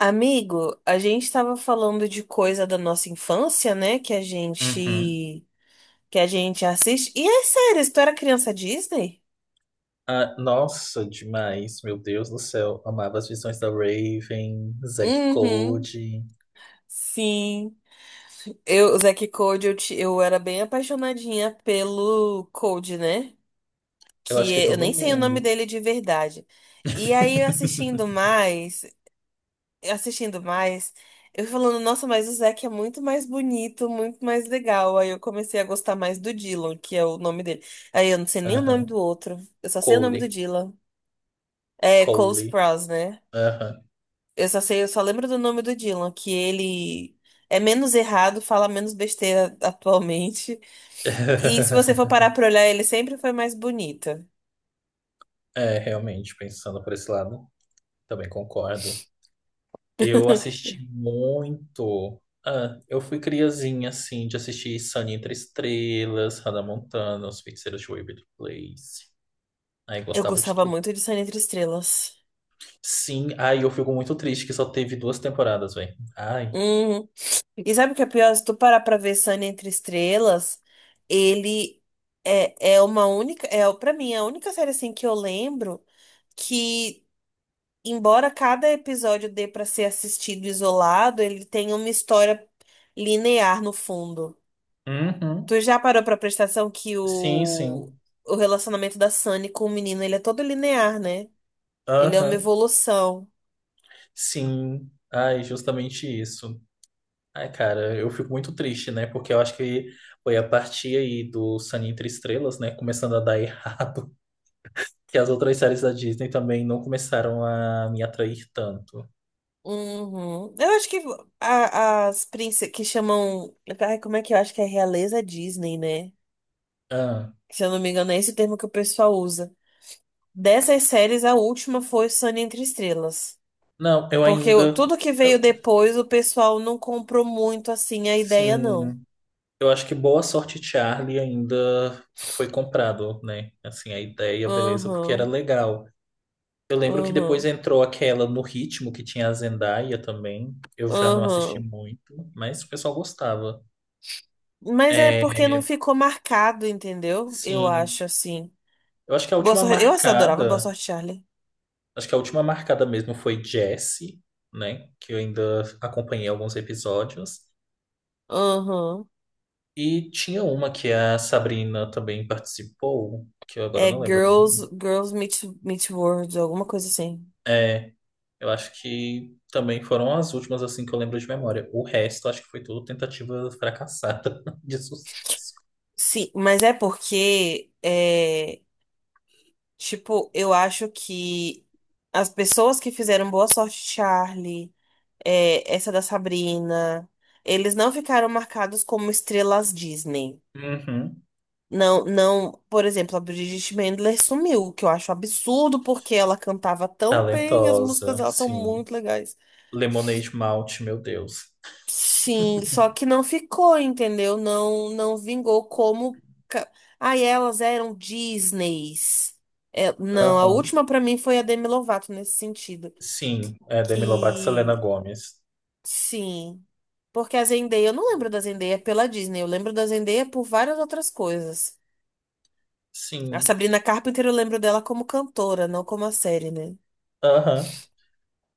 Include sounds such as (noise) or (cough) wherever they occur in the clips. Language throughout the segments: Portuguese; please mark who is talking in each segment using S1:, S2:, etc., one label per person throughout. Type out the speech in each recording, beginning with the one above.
S1: Amigo, a gente estava falando de coisa da nossa infância, né? Que a
S2: Uhum.
S1: gente que a gente assiste. E é sério, se tu era criança Disney?
S2: Ah, nossa, demais, meu Deus do céu. Amava As Visões da Raven, Zack
S1: Uhum.
S2: Cody.
S1: Sim. Eu, o Zack e Cody, eu era bem apaixonadinha pelo Cody, né?
S2: Eu acho que
S1: Eu
S2: todo
S1: nem sei o nome
S2: mundo.
S1: dele de verdade. E aí, assistindo
S2: (laughs)
S1: mais, assistindo mais, eu falando, nossa, mas o Zac é muito mais bonito, muito mais legal. Aí eu comecei a gostar mais do Dylan, que é o nome dele. Aí eu não sei nem o nome
S2: Aham.
S1: do outro. Eu só sei o nome do
S2: Cole.
S1: Dylan. É Cole
S2: Cole.
S1: Sprouse, né?
S2: Aham.
S1: Eu só lembro do nome do Dylan, que ele é menos errado, fala menos besteira atualmente. E se você for parar
S2: (laughs)
S1: pra olhar, ele sempre foi mais bonito.
S2: É, realmente, pensando por esse lado, também concordo. Eu assisti muito. Ah, eu fui criazinha, assim, de assistir Sunny Entre Estrelas, Hannah Montana, Os Feiticeiros de Waverly Place. Aí
S1: Eu
S2: gostava de
S1: gostava
S2: tudo.
S1: muito de Sonho Entre Estrelas.
S2: Sim, ai, eu fico muito triste que só teve duas temporadas, velho. Ai.
S1: Uhum. E sabe o que é pior? Se tu parar pra ver Sunny Entre Estrelas, ele é uma única, é para mim, é a única série assim que eu lembro que, embora cada episódio dê pra ser assistido isolado, ele tem uma história linear no fundo.
S2: Uhum.
S1: Tu já parou pra prestar atenção que
S2: Sim, sim.
S1: o relacionamento da Sunny com o menino, ele é todo linear, né? Ele é uma
S2: Aham.
S1: evolução.
S2: Sim. Ai, justamente isso. Ai, cara, eu fico muito triste, né? Porque eu acho que foi a partir aí do Sunny Entre Estrelas, né? Começando a dar errado. (laughs) Que as outras séries da Disney também não começaram a me atrair tanto.
S1: Uhum. Eu acho que as princesas que chamam. Ai, como é que eu acho que é realeza Disney, né?
S2: Ah.
S1: Se eu não me engano, é esse o termo que o pessoal usa. Dessas séries, a última foi Sunny Entre Estrelas.
S2: Não, eu ainda.
S1: Tudo que veio
S2: eu-
S1: depois, o pessoal não comprou muito assim a ideia, não.
S2: Sim. Eu acho que Boa Sorte Charlie ainda foi comprado, né? Assim, a ideia, beleza, porque era
S1: Aham,
S2: legal. Eu lembro que depois
S1: aham,
S2: entrou aquela No Ritmo, que tinha a Zendaya também. Eu já não assisti
S1: aham.
S2: muito, mas o pessoal gostava.
S1: Mas é
S2: É,
S1: porque não ficou marcado, entendeu? Eu
S2: sim.
S1: acho assim.
S2: Eu acho que a
S1: Boa
S2: última
S1: sorte. Eu assim, adorava Boa
S2: marcada,
S1: Sorte, Charlie.
S2: acho que a última marcada mesmo foi Jessie, né? Que eu ainda acompanhei alguns episódios.
S1: Aham.
S2: E tinha uma que a Sabrina também participou, que eu agora
S1: É
S2: não lembro o nome.
S1: Girls Meet World, alguma coisa assim.
S2: Eu acho que também foram as últimas assim que eu lembro de memória. O resto, acho que foi tudo tentativa fracassada (laughs) de sucesso.
S1: Sim, mas é porque, tipo, eu acho que as pessoas que fizeram Boa Sorte Charlie, essa da Sabrina, eles não ficaram marcados como estrelas Disney.
S2: Uhum.
S1: Não, não, por exemplo, a Bridget Mendler sumiu, o que eu acho absurdo porque ela cantava tão bem, as músicas
S2: Talentosa,
S1: dela são
S2: sim.
S1: muito legais.
S2: Lemonade Mouth, meu Deus.
S1: Sim, só que não ficou, entendeu? Não vingou como. Ai, elas eram Disneys. É, não, a
S2: Aham.
S1: última pra mim foi a Demi Lovato nesse sentido.
S2: Sim, é Demi Lovato e Selena
S1: Que
S2: Gomez.
S1: sim, porque a Zendaya, eu não lembro da Zendaya pela Disney, eu lembro da Zendaya por várias outras coisas. A
S2: Sim.
S1: Sabrina Carpenter eu lembro dela como cantora, não como a série, né?
S2: Aham.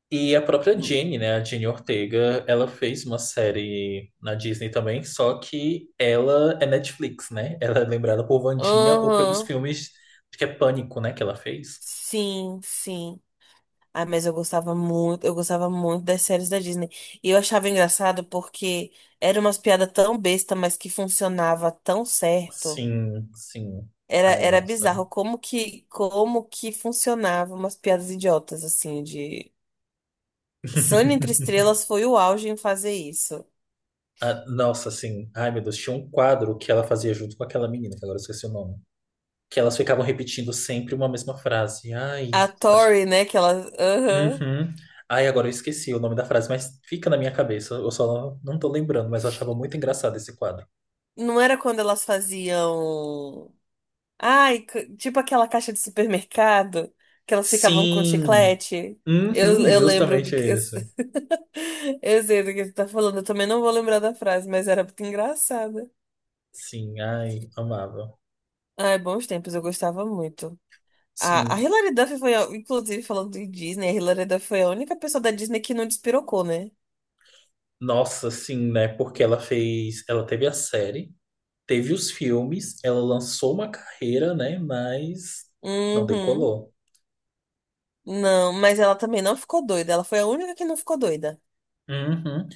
S2: E a própria
S1: Não.
S2: Jenny, né? A Jenny Ortega, ela fez uma série na Disney também, só que ela é Netflix, né? Ela é lembrada por Wandinha ou pelos
S1: Aham.
S2: filmes, acho que é Pânico, né? Que ela fez.
S1: Sim, sim. Ah, mas eu gostava muito das séries da Disney. E eu achava engraçado porque era umas piadas tão besta, mas que funcionava tão certo.
S2: Sim, sim.
S1: Era,
S2: Ai,
S1: era
S2: nossa.
S1: bizarro como que funcionava umas piadas idiotas assim de Sunny entre
S2: (laughs)
S1: estrelas foi o auge em fazer isso.
S2: Ah, nossa, sim. Ai, meu Deus, tinha um quadro que ela fazia junto com aquela menina, que agora eu esqueci o nome. Que elas ficavam repetindo sempre uma mesma frase. Ai,
S1: A
S2: acho que.
S1: Tori, né, que ela, aham.
S2: Uhum. Ai, agora eu esqueci o nome da frase, mas fica na minha cabeça. Eu só não tô lembrando, mas eu achava muito engraçado esse quadro.
S1: Não era quando elas faziam. Tipo aquela caixa de supermercado que elas ficavam com
S2: Sim.
S1: chiclete.
S2: Uhum,
S1: Eu lembro do
S2: justamente
S1: que. Eu,
S2: isso.
S1: (laughs) eu sei do que você tá falando. Eu também não vou lembrar da frase, mas era muito engraçada.
S2: Sim, ai, amava.
S1: Ai, bons tempos, eu gostava muito. A
S2: Sim,
S1: Hilary Duff foi, inclusive, falando de Disney, a Hilary Duff foi a única pessoa da Disney que não despirocou, né?
S2: nossa, sim, né? Porque ela fez, ela teve a série, teve os filmes, ela lançou uma carreira, né? Mas não
S1: Uhum.
S2: decolou.
S1: Não, mas ela também não ficou doida. Ela foi a única que não ficou doida.
S2: Uhum.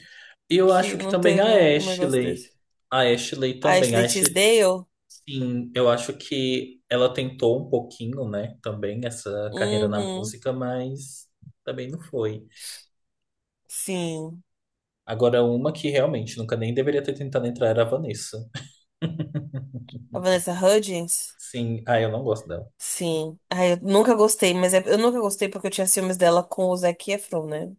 S2: E eu
S1: Que
S2: acho que
S1: não
S2: também
S1: teve um negócio desse.
S2: A Ashley
S1: A
S2: também, a
S1: Ashley
S2: Ashley,
S1: Tisdale.
S2: sim, eu acho que ela tentou um pouquinho, né? Também essa carreira na
S1: Uhum.
S2: música, mas também não foi.
S1: Sim.
S2: Agora, uma que realmente nunca nem deveria ter tentado entrar era a Vanessa.
S1: A Vanessa
S2: (laughs)
S1: Hudgens?
S2: Sim, ah, eu não gosto dela.
S1: Sim. Ai, eu nunca gostei, mas eu nunca gostei porque eu tinha ciúmes dela com o Zac Efron, né?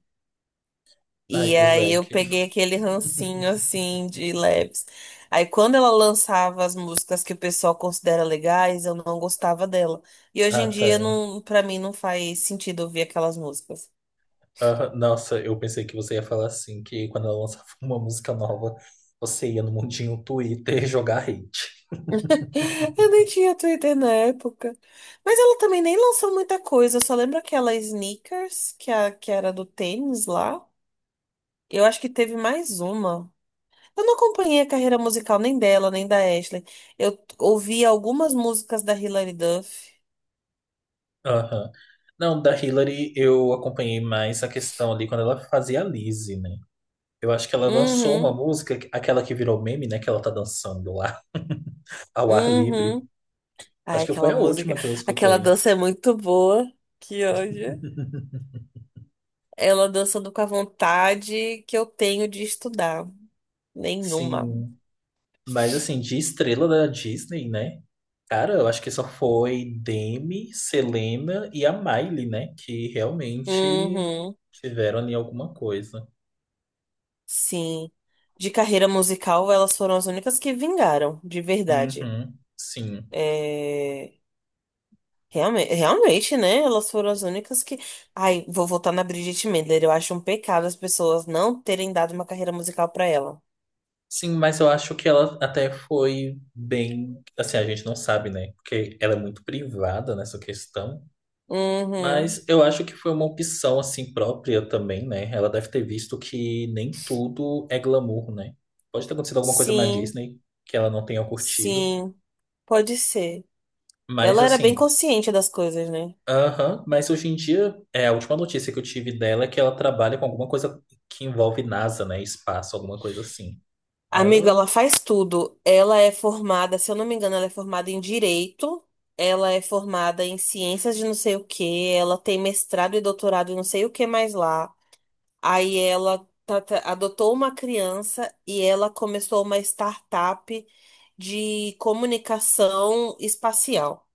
S2: Ai,
S1: E
S2: o
S1: aí eu
S2: Zac.
S1: peguei
S2: (laughs)
S1: aquele rancinho assim de leves. Aí quando ela lançava as músicas que o pessoal considera legais, eu não gostava dela. E hoje
S2: Ah,
S1: em dia
S2: tá.
S1: não, para mim não faz sentido ouvir aquelas músicas.
S2: Ah, nossa, eu pensei que você ia falar assim, que quando ela lançava (laughs) uma música nova, você ia no mundinho Twitter (laughs) jogar hate.
S1: (laughs) Eu nem tinha Twitter na época. Mas ela também nem lançou muita coisa. Eu só lembro aquela Sneakers, que era do tênis lá. Eu acho que teve mais uma. Eu não acompanhei a carreira musical nem dela, nem da Ashley. Ouvi algumas músicas da Hilary Duff.
S2: Aham. Não, da Hillary eu acompanhei mais a questão ali quando ela fazia a Lizzie, né? Eu acho que ela lançou uma
S1: Uhum,
S2: música, aquela que virou meme, né? Que ela tá dançando lá, (laughs) ao ar livre.
S1: uhum. Ai,
S2: Acho que foi
S1: aquela
S2: a
S1: música,
S2: última que eu
S1: aquela
S2: escutei.
S1: dança é muito boa. Que ódio. Ela dançando com a vontade que eu tenho de estudar. Nenhuma.
S2: Sim, mas assim, de estrela da Disney, né? Cara, eu acho que só foi Demi, Selena e a Miley, né? Que realmente
S1: Uhum,
S2: tiveram ali alguma coisa.
S1: sim. De carreira musical, elas foram as únicas que vingaram, de verdade.
S2: Uhum, sim.
S1: É. Realmente, né? Elas foram as únicas que. Ai, vou voltar na Bridget Mendler. Eu acho um pecado as pessoas não terem dado uma carreira musical pra ela.
S2: Sim, mas eu acho que ela até foi bem. Assim, a gente não sabe, né? Porque ela é muito privada nessa questão.
S1: Uhum.
S2: Mas eu acho que foi uma opção, assim, própria também, né? Ela deve ter visto que nem tudo é glamour, né? Pode ter acontecido alguma coisa na
S1: Sim,
S2: Disney que ela não tenha curtido.
S1: sim. Pode ser.
S2: Mas,
S1: Ela era bem
S2: assim.
S1: consciente das coisas, né?
S2: Aham, mas hoje em dia, é, a última notícia que eu tive dela é que ela trabalha com alguma coisa que envolve NASA, né? Espaço, alguma coisa assim.
S1: Amigo, ela
S2: Ela,
S1: faz tudo. Ela é formada, se eu não me engano, ela é formada em direito. Ela é formada em ciências de não sei o que Ela tem mestrado e doutorado em não sei o que mais lá. Aí adotou uma criança e ela começou uma startup de comunicação espacial.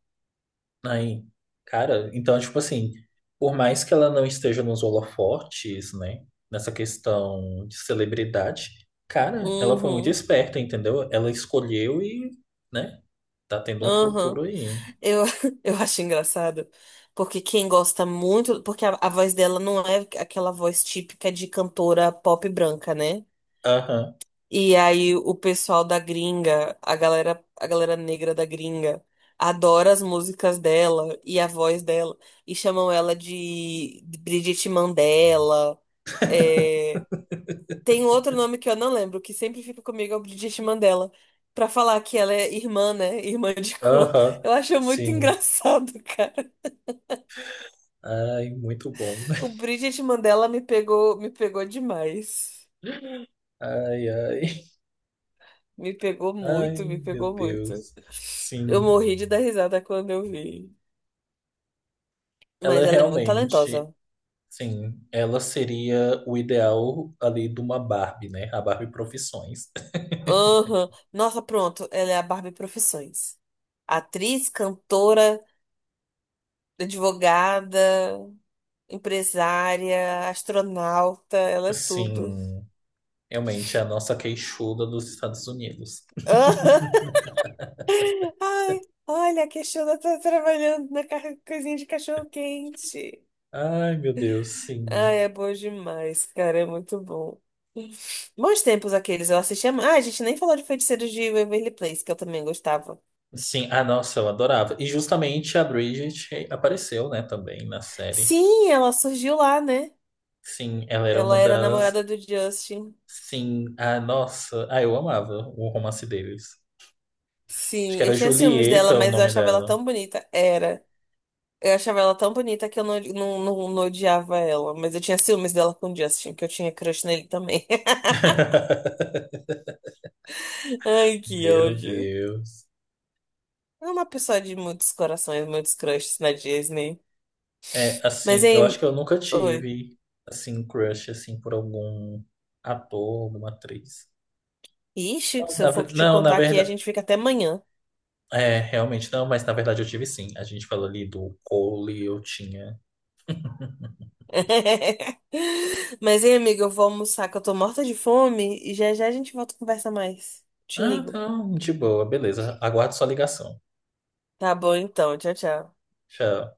S2: aí, cara, então, tipo assim, por mais que ela não esteja nos holofotes, né? Nessa questão de celebridade, cara, ela foi muito
S1: Uhum,
S2: esperta, entendeu? Ela escolheu e, né? Tá tendo um
S1: uhum.
S2: futuro aí, hein?
S1: Eu, (laughs) eu acho engraçado, porque quem gosta muito, porque a voz dela não é aquela voz típica de cantora pop branca, né?
S2: Aham,
S1: E aí o pessoal da gringa, a galera negra da gringa, adora as músicas dela e a voz dela e chamam ela de Bridget Mandela. É. Tem um outro nome que eu não lembro, que sempre fica comigo é o Bridget Mandela, pra falar que ela é irmã, né? Irmã de cor.
S2: aham,
S1: Eu acho muito (laughs)
S2: sim.
S1: engraçado, cara.
S2: Ai, muito bom.
S1: O Bridget Mandela me pegou demais.
S2: (laughs) Ai, ai. Ai,
S1: Me
S2: meu
S1: pegou muito.
S2: Deus.
S1: Eu
S2: Sim.
S1: morri de dar risada quando eu vi.
S2: Ela é
S1: Mas ela é muito
S2: realmente,
S1: talentosa.
S2: sim, ela seria o ideal ali de uma Barbie, né? A Barbie Profissões.
S1: Aham. Nossa, pronto. Ela é a Barbie Profissões. Atriz, cantora, advogada, empresária, astronauta. Ela é tudo.
S2: Sim, realmente é a nossa queixuda dos Estados Unidos.
S1: Aham.
S2: (laughs)
S1: (laughs) Ai, olha, a questiona tá trabalhando na coisinha de cachorro-quente.
S2: Ai, meu Deus, sim.
S1: Ah, é bom demais, cara, é muito bom. Bons tempos aqueles, eu assistia. Ah, a gente nem falou de Feiticeiros de Waverly Place, que eu também gostava.
S2: Sim, ah, nossa, eu adorava. E justamente a Bridget apareceu, né, também na série.
S1: Sim, ela surgiu lá, né?
S2: Sim, ela era uma
S1: Ela era
S2: das.
S1: namorada do Justin.
S2: Sim, ah, nossa, ah, eu amava o romance deles. Acho
S1: Sim,
S2: que
S1: eu
S2: era
S1: tinha ciúmes dela,
S2: Julieta o
S1: mas eu
S2: nome
S1: achava ela
S2: dela.
S1: tão bonita. Era. Eu achava ela tão bonita que eu não odiava ela. Mas eu tinha ciúmes dela com o Justin, que eu tinha crush nele também. (laughs)
S2: (laughs)
S1: Ai, que
S2: Meu
S1: ódio.
S2: Deus.
S1: É uma pessoa de muitos corações, muitos crushes na Disney.
S2: É,
S1: Mas,
S2: assim, eu acho
S1: hein?
S2: que eu nunca
S1: Oi.
S2: tive, assim, um crush, assim, por algum ator, alguma atriz.
S1: Ixi,
S2: Não,
S1: se eu
S2: na,
S1: for te
S2: não, na
S1: contar aqui, a
S2: verdade...
S1: gente fica até amanhã.
S2: É, realmente não, mas na verdade eu tive sim. A gente falou ali do Cole, eu tinha...
S1: (laughs) Mas, hein, amiga, eu vou almoçar que eu tô morta de fome e já já a gente volta a conversar mais. Te
S2: Ah,
S1: ligo.
S2: então, de boa, beleza. Aguardo sua ligação.
S1: Tá bom, então. Tchau, tchau.
S2: Tchau.